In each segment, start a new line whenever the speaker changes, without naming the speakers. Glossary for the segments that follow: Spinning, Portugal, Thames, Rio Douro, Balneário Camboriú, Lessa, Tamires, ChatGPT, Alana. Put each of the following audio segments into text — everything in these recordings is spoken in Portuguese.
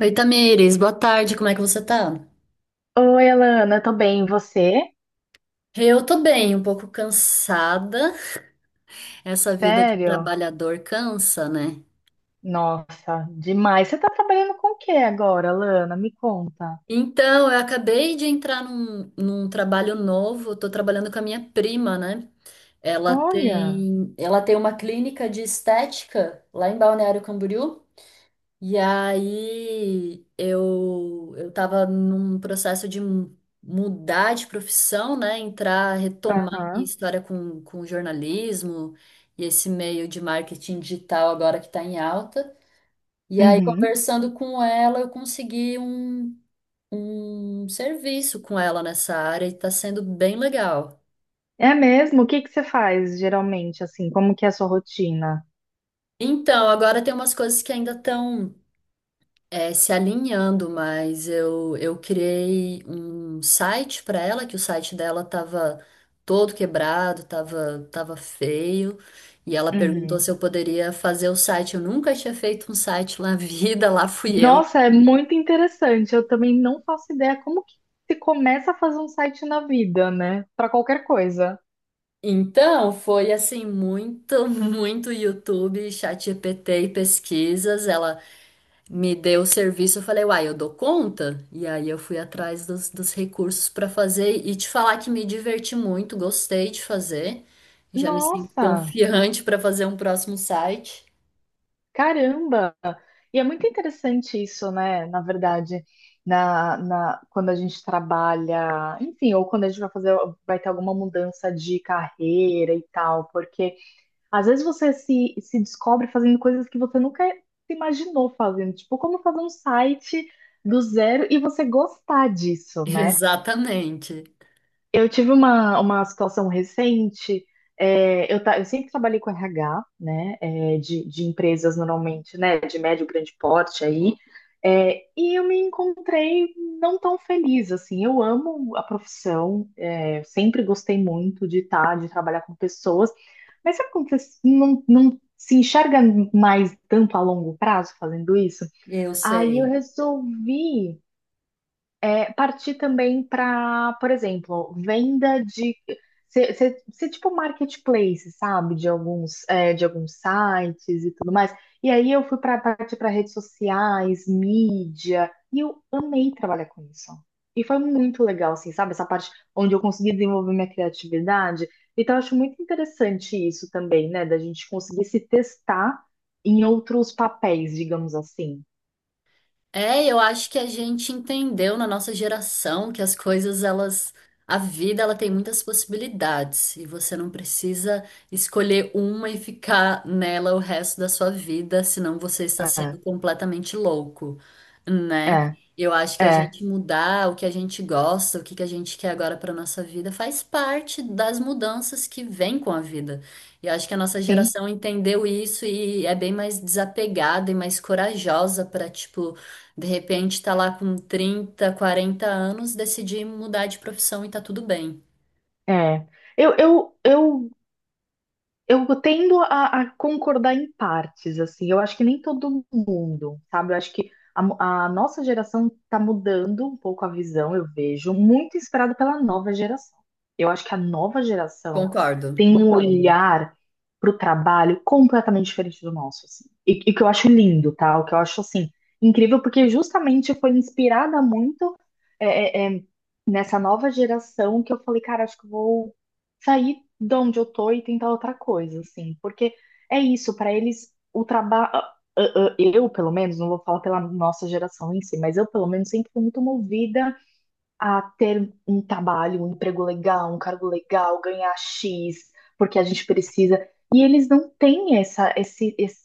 Oi, Tamires, boa tarde, como é que você tá?
Oi, Alana, tô bem, e você?
Eu tô bem, um pouco cansada. Essa vida de
Sério?
trabalhador cansa, né?
Nossa, demais. Você tá trabalhando com o que agora, Alana? Me conta.
Então, eu acabei de entrar num trabalho novo, tô trabalhando com a minha prima, né? Ela
Olha.
tem, ela tem uma clínica de estética lá em Balneário Camboriú. E aí eu estava num processo mudar de profissão, né? Entrar, retomar minha
Aham.
história com jornalismo e esse meio de marketing digital agora que está em alta. E aí,
Uhum.
conversando com ela, eu consegui um serviço com ela nessa área e está sendo bem legal.
É mesmo? O que que você faz geralmente, assim? Como que é a sua rotina?
Então, agora tem umas coisas que ainda estão. Se alinhando, mas eu criei um site para ela, que o site dela tava todo quebrado, tava feio, e ela perguntou
Uhum.
se eu poderia fazer o site. Eu nunca tinha feito um site na vida, lá fui eu.
Nossa, é muito interessante. Eu também não faço ideia como que se começa a fazer um site na vida, né? Pra qualquer coisa.
Então, foi assim, muito YouTube, ChatGPT e pesquisas. Ela me deu o serviço, eu falei, uai, eu dou conta? E aí eu fui atrás dos recursos para fazer e te falar que me diverti muito, gostei de fazer. Já me sinto
Nossa.
confiante para fazer um próximo site.
Caramba! E é muito interessante isso, né? Na verdade, quando a gente trabalha, enfim, ou quando a gente vai fazer, vai ter alguma mudança de carreira e tal, porque às vezes você se descobre fazendo coisas que você nunca se imaginou fazendo, tipo, como fazer um site do zero e você gostar disso, né?
Exatamente.
Eu tive uma situação recente. É, eu sempre trabalhei com RH, né, é, de empresas normalmente, né, de médio, grande porte aí. É, e eu me encontrei não tão feliz, assim. Eu amo a profissão, é, sempre gostei muito de estar, de trabalhar com pessoas. Mas sabe quando você não se enxerga mais tanto a longo prazo fazendo isso?
Eu
Aí eu
sei.
resolvi partir também para, por exemplo, venda de ser tipo marketplace, sabe? De alguns sites e tudo mais. E aí eu fui para partir para redes sociais, mídia, e eu amei trabalhar com isso. E foi muito legal, assim, sabe? Essa parte onde eu consegui desenvolver minha criatividade. Então, eu acho muito interessante isso também, né? Da gente conseguir se testar em outros papéis, digamos assim.
É, eu acho que a gente entendeu na nossa geração que as coisas, elas, a vida, ela tem muitas possibilidades e você não precisa escolher uma e ficar nela o resto da sua vida, senão você está sendo
É,
completamente louco, né?
é,
Eu acho que a
é.
gente mudar o que a gente gosta, o que que a gente quer agora para nossa vida, faz parte das mudanças que vêm com a vida. E acho que a nossa
Sim.
geração entendeu isso e é bem mais desapegada e mais corajosa para, tipo, de repente tá lá com 30, 40 anos, decidi mudar de profissão e tá tudo bem.
É, eu, eu, eu, eu tendo a concordar em partes, assim, eu acho que nem todo mundo, sabe? Eu acho que a nossa geração está mudando um pouco a visão, eu vejo, muito inspirado pela nova geração. Eu acho que a nova geração
Concordo.
tem um olhar para o trabalho completamente diferente do nosso, assim. E que eu acho lindo, tá? O que eu acho, assim, incrível, porque justamente foi inspirada muito é, é, é, nessa nova geração que eu falei, cara, acho que eu vou sair de onde eu tô e tentar outra coisa, assim, porque é isso, para eles o trabalho, eu pelo menos, não vou falar pela nossa geração em si, mas eu pelo menos sempre fui muito movida a ter um trabalho, um emprego legal, um cargo legal, ganhar X, porque a gente precisa. E eles não têm esse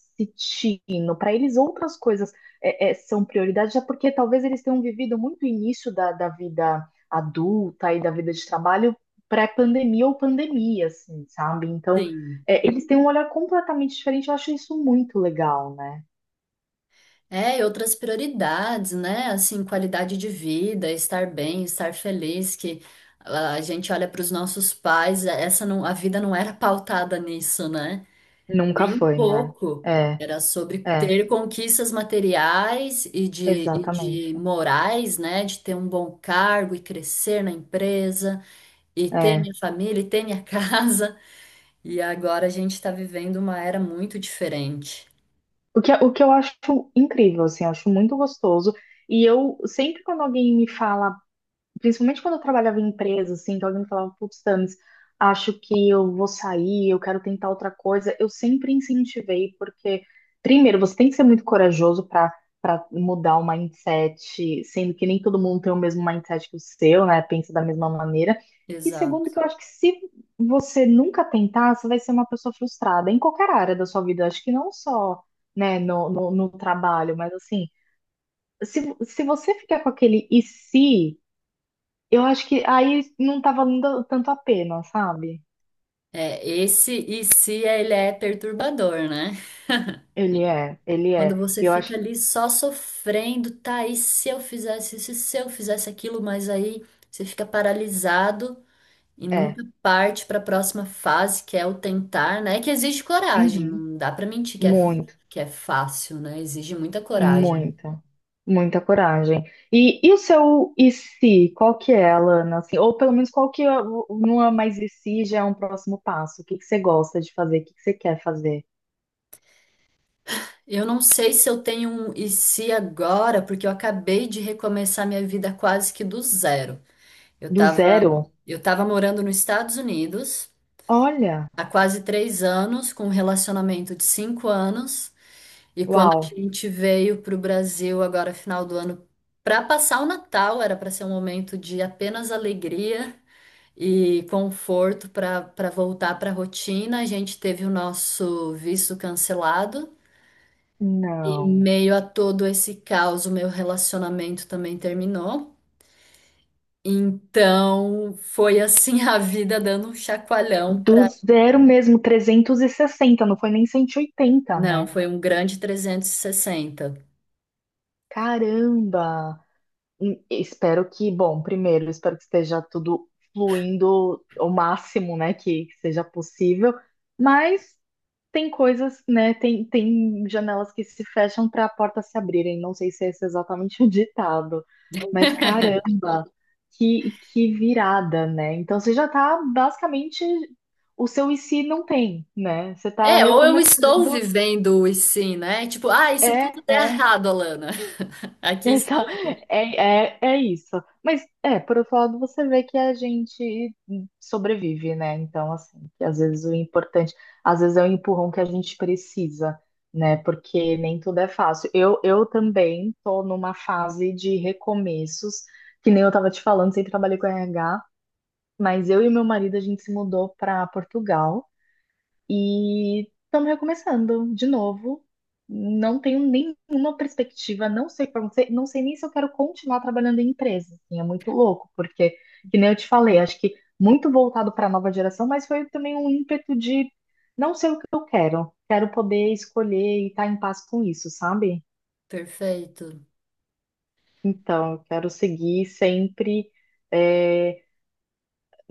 tino. Para eles, outras coisas são prioridade, já porque talvez eles tenham vivido muito o início da vida adulta e da vida de trabalho pré-pandemia ou pandemia, assim, sabe? Então,
Sim.
é, eles têm um olhar completamente diferente. Eu acho isso muito legal, né?
É, e outras prioridades, né? Assim, qualidade de vida, estar bem, estar feliz, que a gente olha para os nossos pais, é, essa não, a vida não era pautada nisso, né?
Nunca
Nem um
foi, né?
pouco.
É,
Era sobre
é,
ter conquistas materiais e de
exatamente.
morais, né? De ter um bom cargo e crescer na empresa. E ter
É.
minha família, e ter minha casa. E agora a gente está vivendo uma era muito diferente.
O que, o que eu acho incrível, assim, eu acho muito gostoso. E eu sempre quando alguém me fala. Principalmente quando eu trabalhava em empresa, assim, que alguém me falava, putz, Thames, acho que eu vou sair, eu quero tentar outra coisa, eu sempre incentivei, porque, primeiro, você tem que ser muito corajoso para mudar o mindset, sendo que nem todo mundo tem o mesmo mindset que o seu, né? Pensa da mesma maneira. E
Exato.
segundo, que eu acho que se você nunca tentar, você vai ser uma pessoa frustrada em qualquer área da sua vida. Eu acho que não só, né, no trabalho, mas assim, se você ficar com aquele e se. Eu acho que aí não tava valendo tanto a pena, sabe?
É, esse e se ele é perturbador, né?
Ele é, ele
Quando
é.
você
Eu
fica
acho que
ali só sofrendo, tá, e se eu fizesse isso, e se eu fizesse aquilo, mas aí você fica paralisado e
é.
nunca parte para a próxima fase, que é o tentar, né? Que exige coragem,
Uhum.
não dá para mentir
Muito,
que é fácil, né? Exige muita coragem.
muita, muita coragem. E o seu e se? Qual que é, Alana? Assim, ou pelo menos qual que é, o- não é mais e se, já é um próximo passo? O que que você gosta de fazer? O que que você quer fazer?
Eu não sei se eu tenho um e se agora, porque eu acabei de recomeçar minha vida quase que do zero. Eu
Do
tava,
zero?
eu tava morando nos Estados Unidos
Olha,
há quase 3 anos, com um relacionamento de 5 anos, e quando a
uau.
gente veio para o Brasil agora, final do ano, para passar o Natal, era para ser um momento de apenas alegria e conforto para voltar para a rotina. A gente teve o nosso visto cancelado. E
Não.
meio a todo esse caos, o meu relacionamento também terminou. Então, foi assim a vida dando um chacoalhão
Do
para.
zero mesmo, 360. Não foi nem 180,
Não,
né?
foi um grande 360.
Caramba! Espero que, bom, primeiro, espero que esteja tudo fluindo ao máximo, né, que seja possível, mas tem coisas, né, tem janelas que se fecham para a porta se abrirem, não sei se esse é exatamente o ditado, mas caramba, que virada, né? Então você já tá basicamente, o seu e se não tem, né? Você tá
É, ou eu estou
recomeçando,
vivendo o e sim, né? Tipo, ah, e se
é,
tudo der
é.
errado, Alana? Aqui
Essa,
estou eu.
é, é, é isso. Mas, é, por outro lado, você vê que a gente sobrevive, né? Então, assim, que às vezes o importante, às vezes é o empurrão que a gente precisa, né? Porque nem tudo é fácil. Eu também tô numa fase de recomeços, que nem eu tava te falando, sempre trabalhei com RH, mas eu e meu marido, a gente se mudou para Portugal. E estamos recomeçando de novo. Não tenho nenhuma perspectiva, não sei o que vai acontecer, não sei nem se eu quero continuar trabalhando em empresa. Assim, é muito louco, porque, que nem eu te falei, acho que muito voltado para a nova geração, mas foi também um ímpeto de não sei o que eu quero. Quero poder escolher e estar em paz com isso, sabe?
Perfeito.
Então, eu quero seguir sempre. eh,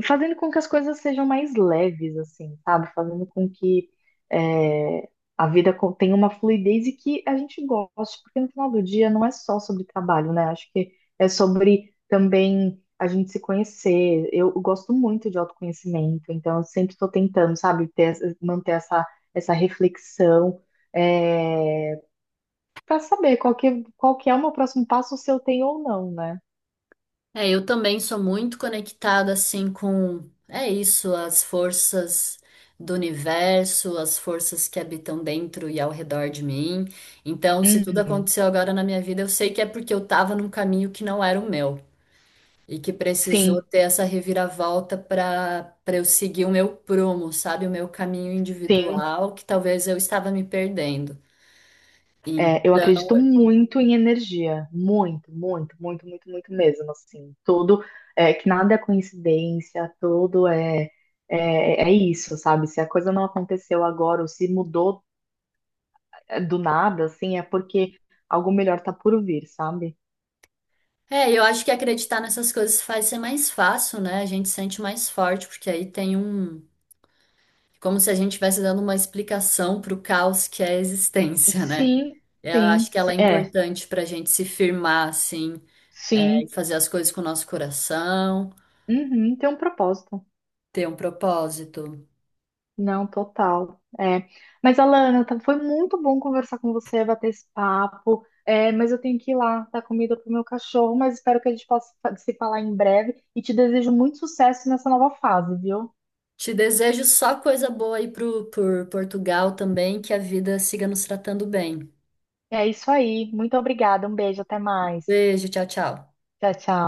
Fazendo com que as coisas sejam mais leves, assim, sabe? Fazendo com que é, tenha uma fluidez e que a gente goste, porque no final do dia não é só sobre trabalho, né? Acho que é sobre também a gente se conhecer. Eu gosto muito de autoconhecimento, então eu sempre estou tentando, sabe, ter manter essa reflexão. Para saber qual que é o meu próximo passo, se eu tenho ou não, né?
É, eu também sou muito conectada assim com, é isso, as forças do universo, as forças que habitam dentro e ao redor de mim. Então, se tudo
Uhum.
aconteceu agora na minha vida, eu sei que é porque eu tava num caminho que não era o meu e que precisou
Sim,
ter essa reviravolta para eu seguir o meu prumo, sabe, o meu caminho
sim.
individual, que talvez eu estava me perdendo.
É, eu
Então,
acredito muito em energia, muito, muito, muito, muito, muito mesmo, assim, tudo, é, que nada é coincidência, tudo é, é isso, sabe? Se a coisa não aconteceu agora ou se mudou é, do nada, assim, é porque algo melhor tá por vir, sabe?
é, eu acho que acreditar nessas coisas faz ser mais fácil, né? A gente sente mais forte, porque aí tem um. Como se a gente estivesse dando uma explicação para o caos que é a existência, né?
Sim,
Eu
sim,
acho que ela
sim,
é
é,
importante para a gente se firmar, assim, é, e
sim,
fazer as coisas com o nosso coração,
uhum, tem um propósito.
ter um propósito.
Não, total. É. Mas, Alana, foi muito bom conversar com você, bater esse papo. É, mas eu tenho que ir lá dar comida pro meu cachorro, mas espero que a gente possa se falar em breve e te desejo muito sucesso nessa nova fase, viu?
Te desejo só coisa boa aí pro, por Portugal também, que a vida siga nos tratando bem.
É isso aí. Muito obrigada. Um beijo, até mais.
Beijo, tchau, tchau.
Tchau, tchau.